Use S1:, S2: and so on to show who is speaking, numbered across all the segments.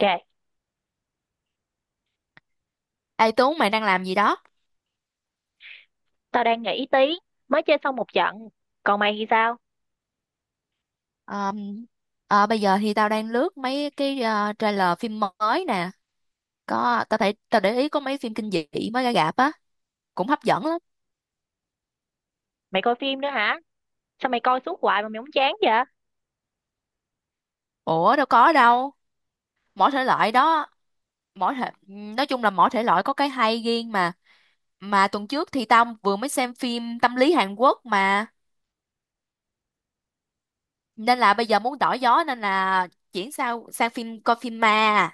S1: Kìa,
S2: Ê Tú, mày đang làm gì đó?
S1: tao đang nghỉ tí, mới chơi xong một trận. Còn mày thì sao?
S2: Ờ, bây giờ thì tao đang lướt mấy cái trailer phim mới nè. Tao thấy, tao để ý có mấy phim kinh dị mới ra rạp á, cũng hấp dẫn lắm.
S1: Mày coi phim nữa hả? Sao mày coi suốt hoài mà mày không chán vậy?
S2: Ủa đâu có đâu, mỗi thể loại đó. Mỗi thể Nói chung là mỗi thể loại có cái hay riêng mà. Tuần trước thì tao vừa mới xem phim tâm lý Hàn Quốc mà, nên là bây giờ muốn đổi gió, nên là chuyển sang sang phim, coi phim ma.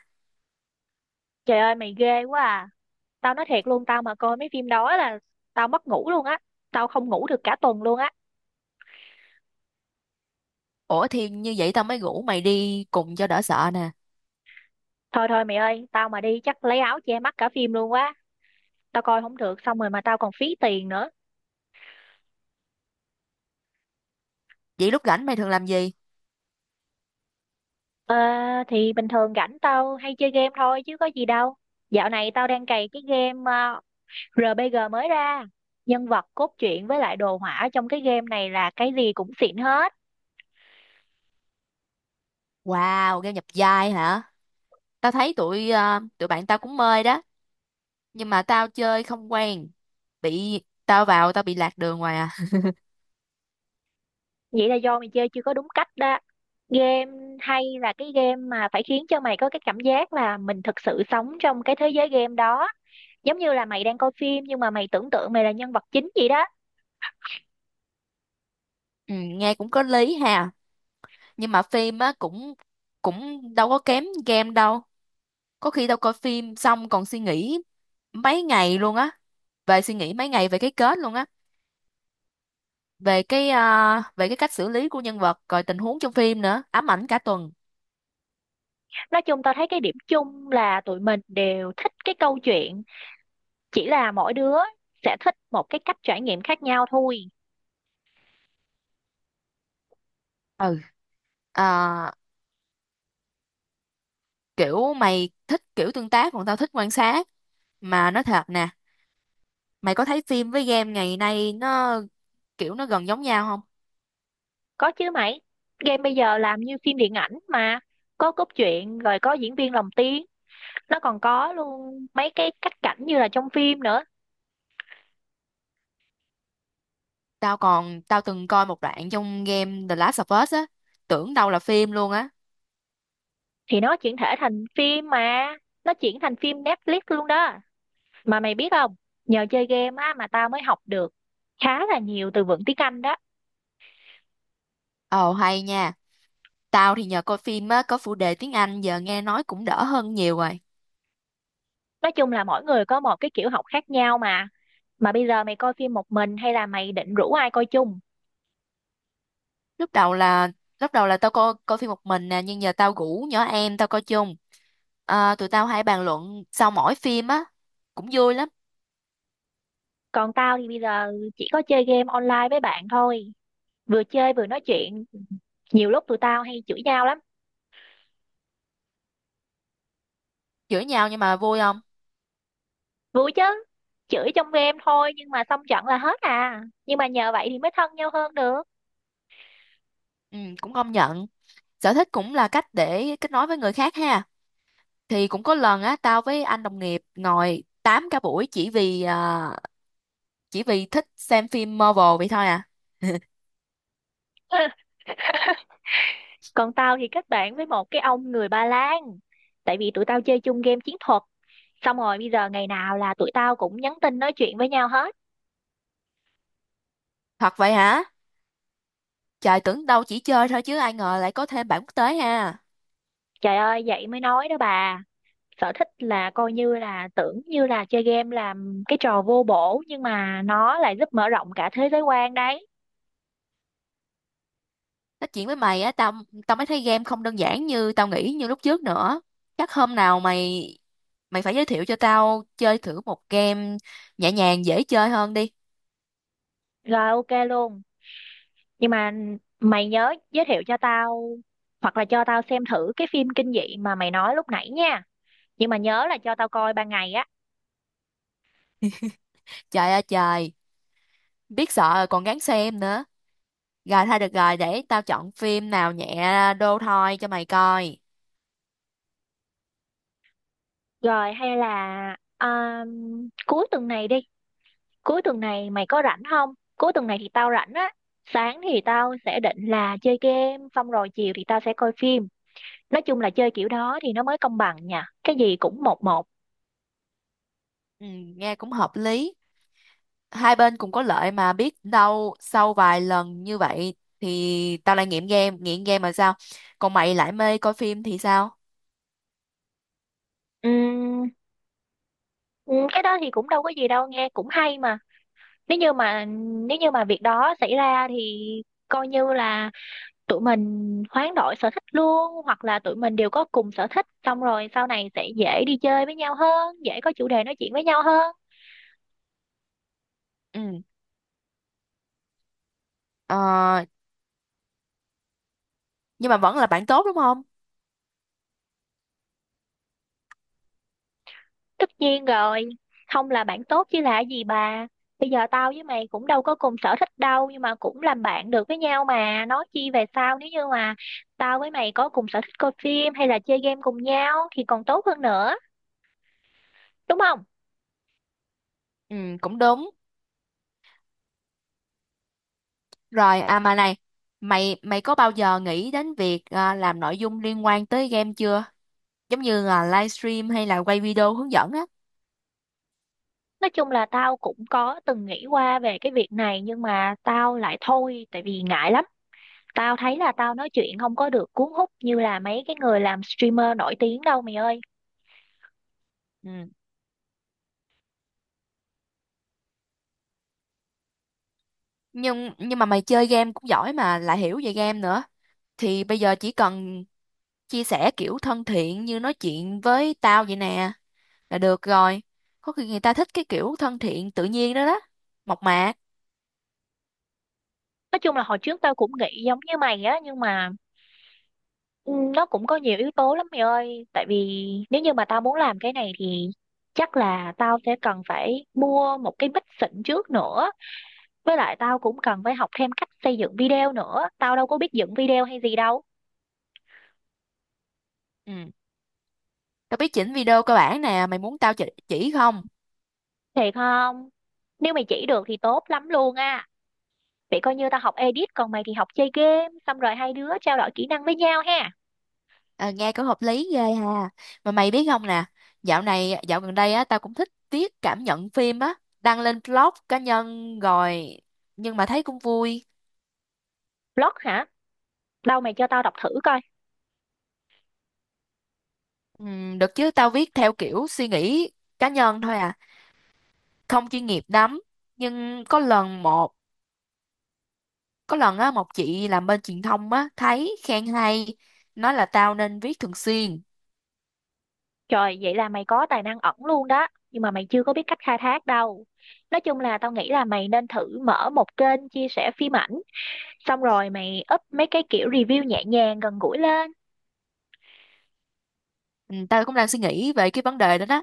S1: Trời ơi, mày ghê quá à. Tao nói thiệt luôn, tao mà coi mấy phim đó là tao mất ngủ luôn á. Tao không ngủ được cả tuần luôn á.
S2: Ủa thì như vậy tao mới rủ mày đi cùng cho đỡ sợ nè.
S1: Thôi thôi mày ơi, tao mà đi chắc lấy áo che mắt cả phim luôn quá. Tao coi không được, xong rồi mà tao còn phí tiền nữa.
S2: Vậy lúc rảnh mày thường làm gì?
S1: Ờ, thì bình thường rảnh tao hay chơi game thôi chứ có gì đâu. Dạo này tao đang cày cái game RPG mới ra. Nhân vật cốt truyện với lại đồ họa trong cái game này là cái gì cũng xịn hết.
S2: Wow, game nhập vai hả? Tao thấy tụi tụi bạn tao cũng mê đó, nhưng mà tao chơi không quen. Bị tao vào tao bị lạc đường ngoài à.
S1: Vậy là do mày chơi chưa có đúng cách đó. Game hay là cái game mà phải khiến cho mày có cái cảm giác là mình thực sự sống trong cái thế giới game đó. Giống như là mày đang coi phim nhưng mà mày tưởng tượng mày là nhân vật chính vậy đó.
S2: Ừ, nghe cũng có lý ha. Nhưng mà phim á cũng, cũng đâu có kém game đâu. Có khi tao coi phim xong còn suy nghĩ mấy ngày luôn á, suy nghĩ mấy ngày về cái kết luôn á, về cái về cái cách xử lý của nhân vật, rồi tình huống trong phim nữa, ám ảnh cả tuần.
S1: Nói chung tao thấy cái điểm chung là tụi mình đều thích cái câu chuyện, chỉ là mỗi đứa sẽ thích một cái cách trải nghiệm khác nhau thôi.
S2: Ừ, ờ, kiểu mày thích kiểu tương tác còn tao thích quan sát. Mà nói thật nè, mày có thấy phim với game ngày nay nó kiểu nó gần giống nhau không?
S1: Có chứ mày, game bây giờ làm như phim điện ảnh mà, có cốt truyện rồi có diễn viên lồng tiếng, nó còn có luôn mấy cái cắt cảnh như là trong phim nữa,
S2: Tao từng coi một đoạn trong game The Last of Us á, tưởng đâu là phim luôn á.
S1: thì nó chuyển thể thành phim mà, nó chuyển thành phim Netflix luôn đó. Mà mày biết không, nhờ chơi game á mà tao mới học được khá là nhiều từ vựng tiếng Anh đó.
S2: Ồ hay nha. Tao thì nhờ coi phim á có phụ đề tiếng Anh, giờ nghe nói cũng đỡ hơn nhiều rồi.
S1: Nói chung là mỗi người có một cái kiểu học khác nhau mà. Mà bây giờ mày coi phim một mình hay là mày định rủ ai coi chung?
S2: lúc đầu là Lúc đầu là tao coi coi phim một mình nè, nhưng giờ tao rủ nhỏ em tao coi chung. À, tụi tao hay bàn luận sau mỗi phim á, cũng vui lắm.
S1: Còn tao thì bây giờ chỉ có chơi game online với bạn thôi. Vừa chơi vừa nói chuyện, nhiều lúc tụi tao hay chửi nhau lắm.
S2: Chửi nhau nhưng mà vui không?
S1: Vui chứ, chửi trong game thôi nhưng mà xong trận là hết à, nhưng mà nhờ vậy thì mới thân nhau hơn được.
S2: Ừ, cũng công nhận, sở thích cũng là cách để kết nối với người khác ha. Thì cũng có lần á tao với anh đồng nghiệp ngồi tám cả buổi chỉ vì chỉ vì thích xem phim Marvel vậy thôi à.
S1: Còn tao thì kết bạn với một cái ông người Ba Lan, tại vì tụi tao chơi chung game chiến thuật, xong rồi bây giờ ngày nào là tụi tao cũng nhắn tin nói chuyện với nhau hết.
S2: Thật vậy hả? Trời, tưởng đâu chỉ chơi thôi chứ ai ngờ lại có thêm bạn quốc tế ha.
S1: Trời ơi, vậy mới nói đó bà, sở thích là coi như là, tưởng như là chơi game làm cái trò vô bổ nhưng mà nó lại giúp mở rộng cả thế giới quan đấy.
S2: Nói chuyện với mày á, tao tao mới thấy game không đơn giản như tao nghĩ như lúc trước nữa. Chắc hôm nào mày mày phải giới thiệu cho tao chơi thử một game nhẹ nhàng dễ chơi hơn đi.
S1: Rồi, ok luôn, nhưng mà mày nhớ giới thiệu cho tao, hoặc là cho tao xem thử cái phim kinh dị mà mày nói lúc nãy nha, nhưng mà nhớ là cho tao coi ban ngày á.
S2: Trời ơi trời, biết sợ rồi còn gắng xem nữa. Rồi thôi được rồi, để tao chọn phim nào nhẹ đô thôi cho mày coi.
S1: Rồi hay là cuối tuần này đi, cuối tuần này mày có rảnh không? Cuối tuần này thì tao rảnh á, sáng thì tao sẽ định là chơi game, xong rồi chiều thì tao sẽ coi phim. Nói chung là chơi kiểu đó thì nó mới công bằng nha, cái gì cũng một một.
S2: Ừ, nghe cũng hợp lý. Hai bên cũng có lợi, mà biết đâu sau vài lần như vậy thì tao lại nghiện game mà sao? Còn mày lại mê coi phim thì sao?
S1: Ừm, ừm, cái đó thì cũng đâu có gì đâu, nghe cũng hay mà. Nếu như mà nếu như mà việc đó xảy ra thì coi như là tụi mình hoán đổi sở thích luôn, hoặc là tụi mình đều có cùng sở thích, xong rồi sau này sẽ dễ đi chơi với nhau hơn, dễ có chủ đề nói chuyện với nhau hơn.
S2: Ừ, ờ, nhưng mà vẫn là bạn tốt đúng không?
S1: Tất nhiên rồi, không là bạn tốt chứ là gì bà. Bây giờ tao với mày cũng đâu có cùng sở thích đâu, nhưng mà cũng làm bạn được với nhau mà, nói chi về sau, nếu như mà tao với mày có cùng sở thích coi phim hay là chơi game cùng nhau thì còn tốt hơn nữa, đúng không?
S2: Ừ, cũng đúng. Rồi, à mà này, mày mày có bao giờ nghĩ đến việc làm nội dung liên quan tới game chưa? Giống như là livestream hay là quay video hướng dẫn á?
S1: Nói chung là tao cũng có từng nghĩ qua về cái việc này, nhưng mà tao lại thôi tại vì ngại lắm. Tao thấy là tao nói chuyện không có được cuốn hút như là mấy cái người làm streamer nổi tiếng đâu mày ơi.
S2: Ừ. Nhưng mà mày chơi game cũng giỏi mà lại hiểu về game nữa, thì bây giờ chỉ cần chia sẻ kiểu thân thiện như nói chuyện với tao vậy nè là được rồi. Có khi người ta thích cái kiểu thân thiện tự nhiên đó đó, mộc mạc.
S1: Nói chung là hồi trước tao cũng nghĩ giống như mày á, nhưng mà ừ, nó cũng có nhiều yếu tố lắm mày ơi. Tại vì nếu như mà tao muốn làm cái này thì chắc là tao sẽ cần phải mua một cái mic xịn trước nữa. Với lại tao cũng cần phải học thêm cách xây dựng video nữa. Tao đâu có biết dựng video hay gì đâu.
S2: Ừ, tao biết chỉnh video cơ bản nè, mày muốn tao chỉ không?
S1: Thiệt không? Nếu mày chỉ được thì tốt lắm luôn á. Vậy coi như tao học edit, còn mày thì học chơi game, xong rồi hai đứa trao đổi kỹ năng với nhau ha.
S2: À, nghe cũng hợp lý ghê ha. Mà mày biết không nè, dạo gần đây á tao cũng thích viết cảm nhận phim á, đăng lên blog cá nhân rồi, nhưng mà thấy cũng vui.
S1: Blog hả? Đâu mày cho tao đọc thử coi.
S2: Ừ, được chứ, tao viết theo kiểu suy nghĩ cá nhân thôi à, không chuyên nghiệp lắm. Nhưng có lần một Có lần á một chị làm bên truyền thông á thấy khen hay, nói là tao nên viết thường xuyên.
S1: Trời, vậy là mày có tài năng ẩn luôn đó, nhưng mà mày chưa có biết cách khai thác đâu. Nói chung là tao nghĩ là mày nên thử mở một kênh chia sẻ phim ảnh, xong rồi mày up mấy cái kiểu review nhẹ nhàng gần gũi lên.
S2: Ừ, tao cũng đang suy nghĩ về cái vấn đề đó đó.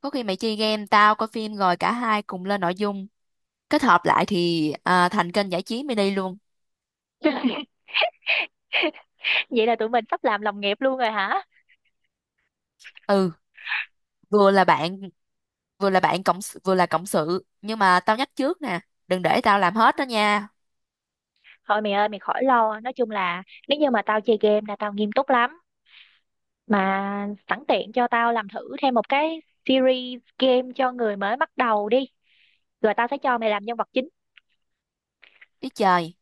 S2: Có khi mày chơi game tao coi phim rồi cả hai cùng lên nội dung, kết hợp lại thì thành kênh giải trí mini luôn.
S1: Vậy là tụi mình sắp làm đồng nghiệp luôn rồi hả?
S2: Ừ, vừa là bạn, vừa là cộng sự, nhưng mà tao nhắc trước nè, đừng để tao làm hết đó nha.
S1: Thôi mày ơi, mày khỏi lo, nói chung là nếu như mà tao chơi game là tao nghiêm túc lắm. Mà sẵn tiện cho tao làm thử thêm một cái series game cho người mới bắt đầu đi, rồi tao sẽ cho mày làm nhân vật chính.
S2: Ý trời,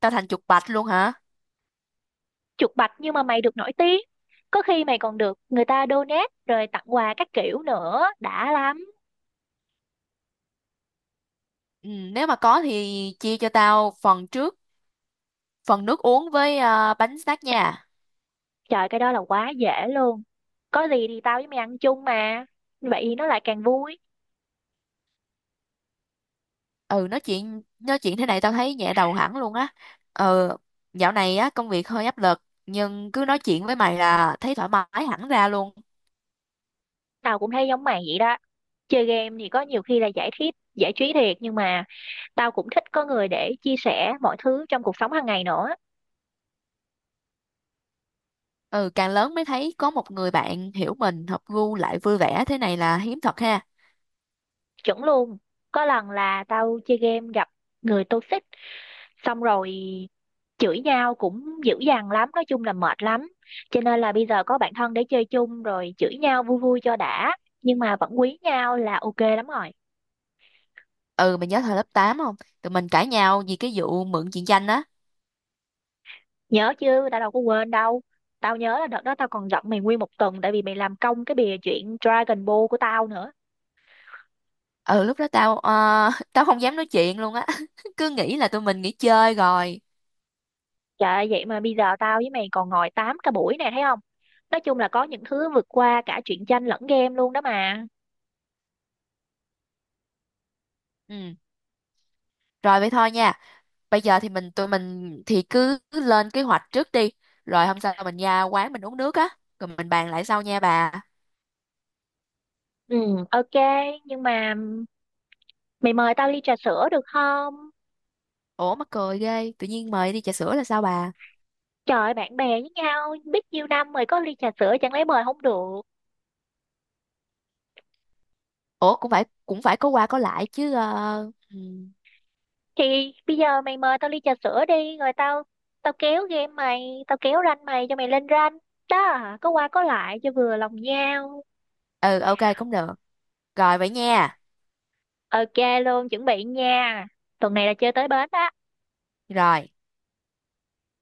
S2: tao thành chuột bạch luôn hả?
S1: Chuột bạch nhưng mà mày được nổi tiếng, có khi mày còn được người ta donate rồi tặng quà các kiểu nữa, đã lắm.
S2: Ừ, nếu mà có thì chia cho tao phần trước, phần nước uống với bánh snack nha.
S1: Trời, cái đó là quá dễ luôn, có gì thì tao với mày ăn chung mà, vậy thì nó lại càng vui.
S2: Ừ nói chuyện thế này tao thấy nhẹ đầu hẳn luôn á. Ừ, dạo này á công việc hơi áp lực nhưng cứ nói chuyện với mày là thấy thoải mái hẳn ra luôn.
S1: Tao cũng thấy giống mày vậy đó, chơi game thì có nhiều khi là giải trí, giải trí thiệt, nhưng mà tao cũng thích có người để chia sẻ mọi thứ trong cuộc sống hàng ngày nữa.
S2: Ừ, càng lớn mới thấy có một người bạn hiểu mình hợp gu lại vui vẻ thế này là hiếm thật ha.
S1: Chuẩn luôn, có lần là tao chơi game gặp người toxic, xong rồi chửi nhau cũng dữ dằn lắm, nói chung là mệt lắm, cho nên là bây giờ có bạn thân để chơi chung rồi chửi nhau vui vui cho đã, nhưng mà vẫn quý nhau là ok lắm rồi.
S2: Ừ, mày nhớ thời lớp 8 không? Tụi mình cãi nhau vì cái vụ mượn chuyện tranh á.
S1: Nhớ chứ, tao đâu có quên đâu. Tao nhớ là đợt đó tao còn giận mày nguyên một tuần, tại vì mày làm công cái bìa chuyện Dragon Ball của tao nữa.
S2: Ừ, lúc đó tao tao không dám nói chuyện luôn á. Cứ nghĩ là tụi mình nghỉ chơi rồi.
S1: Trời ơi, vậy mà bây giờ tao với mày còn ngồi tám cả buổi này, thấy không? Nói chung là có những thứ vượt qua cả truyện tranh lẫn game luôn đó mà.
S2: Ừ. Rồi vậy thôi nha. Bây giờ thì tụi mình thì cứ cứ lên kế hoạch trước đi. Rồi hôm sau mình ra quán mình uống nước á. Rồi mình bàn lại sau nha bà.
S1: Ừ, ok, nhưng mà mày mời tao ly trà sữa được không?
S2: Ủa mắc cười ghê. Tự nhiên mời đi trà sữa là sao bà?
S1: Trời ơi, bạn bè với nhau, biết nhiêu năm rồi, có ly trà sữa chẳng lẽ mời không được.
S2: Ủa cũng phải có qua có lại chứ. Ờ, Ừ.
S1: Thì bây giờ mày mời tao ly trà sữa đi, rồi tao tao kéo game mày, tao kéo rank mày cho mày lên rank. Đó, có qua có lại cho vừa lòng nhau.
S2: Ừ, ok cũng được. Rồi vậy nha.
S1: Ok luôn, chuẩn bị nha. Tuần này là chơi tới bến đó.
S2: Rồi.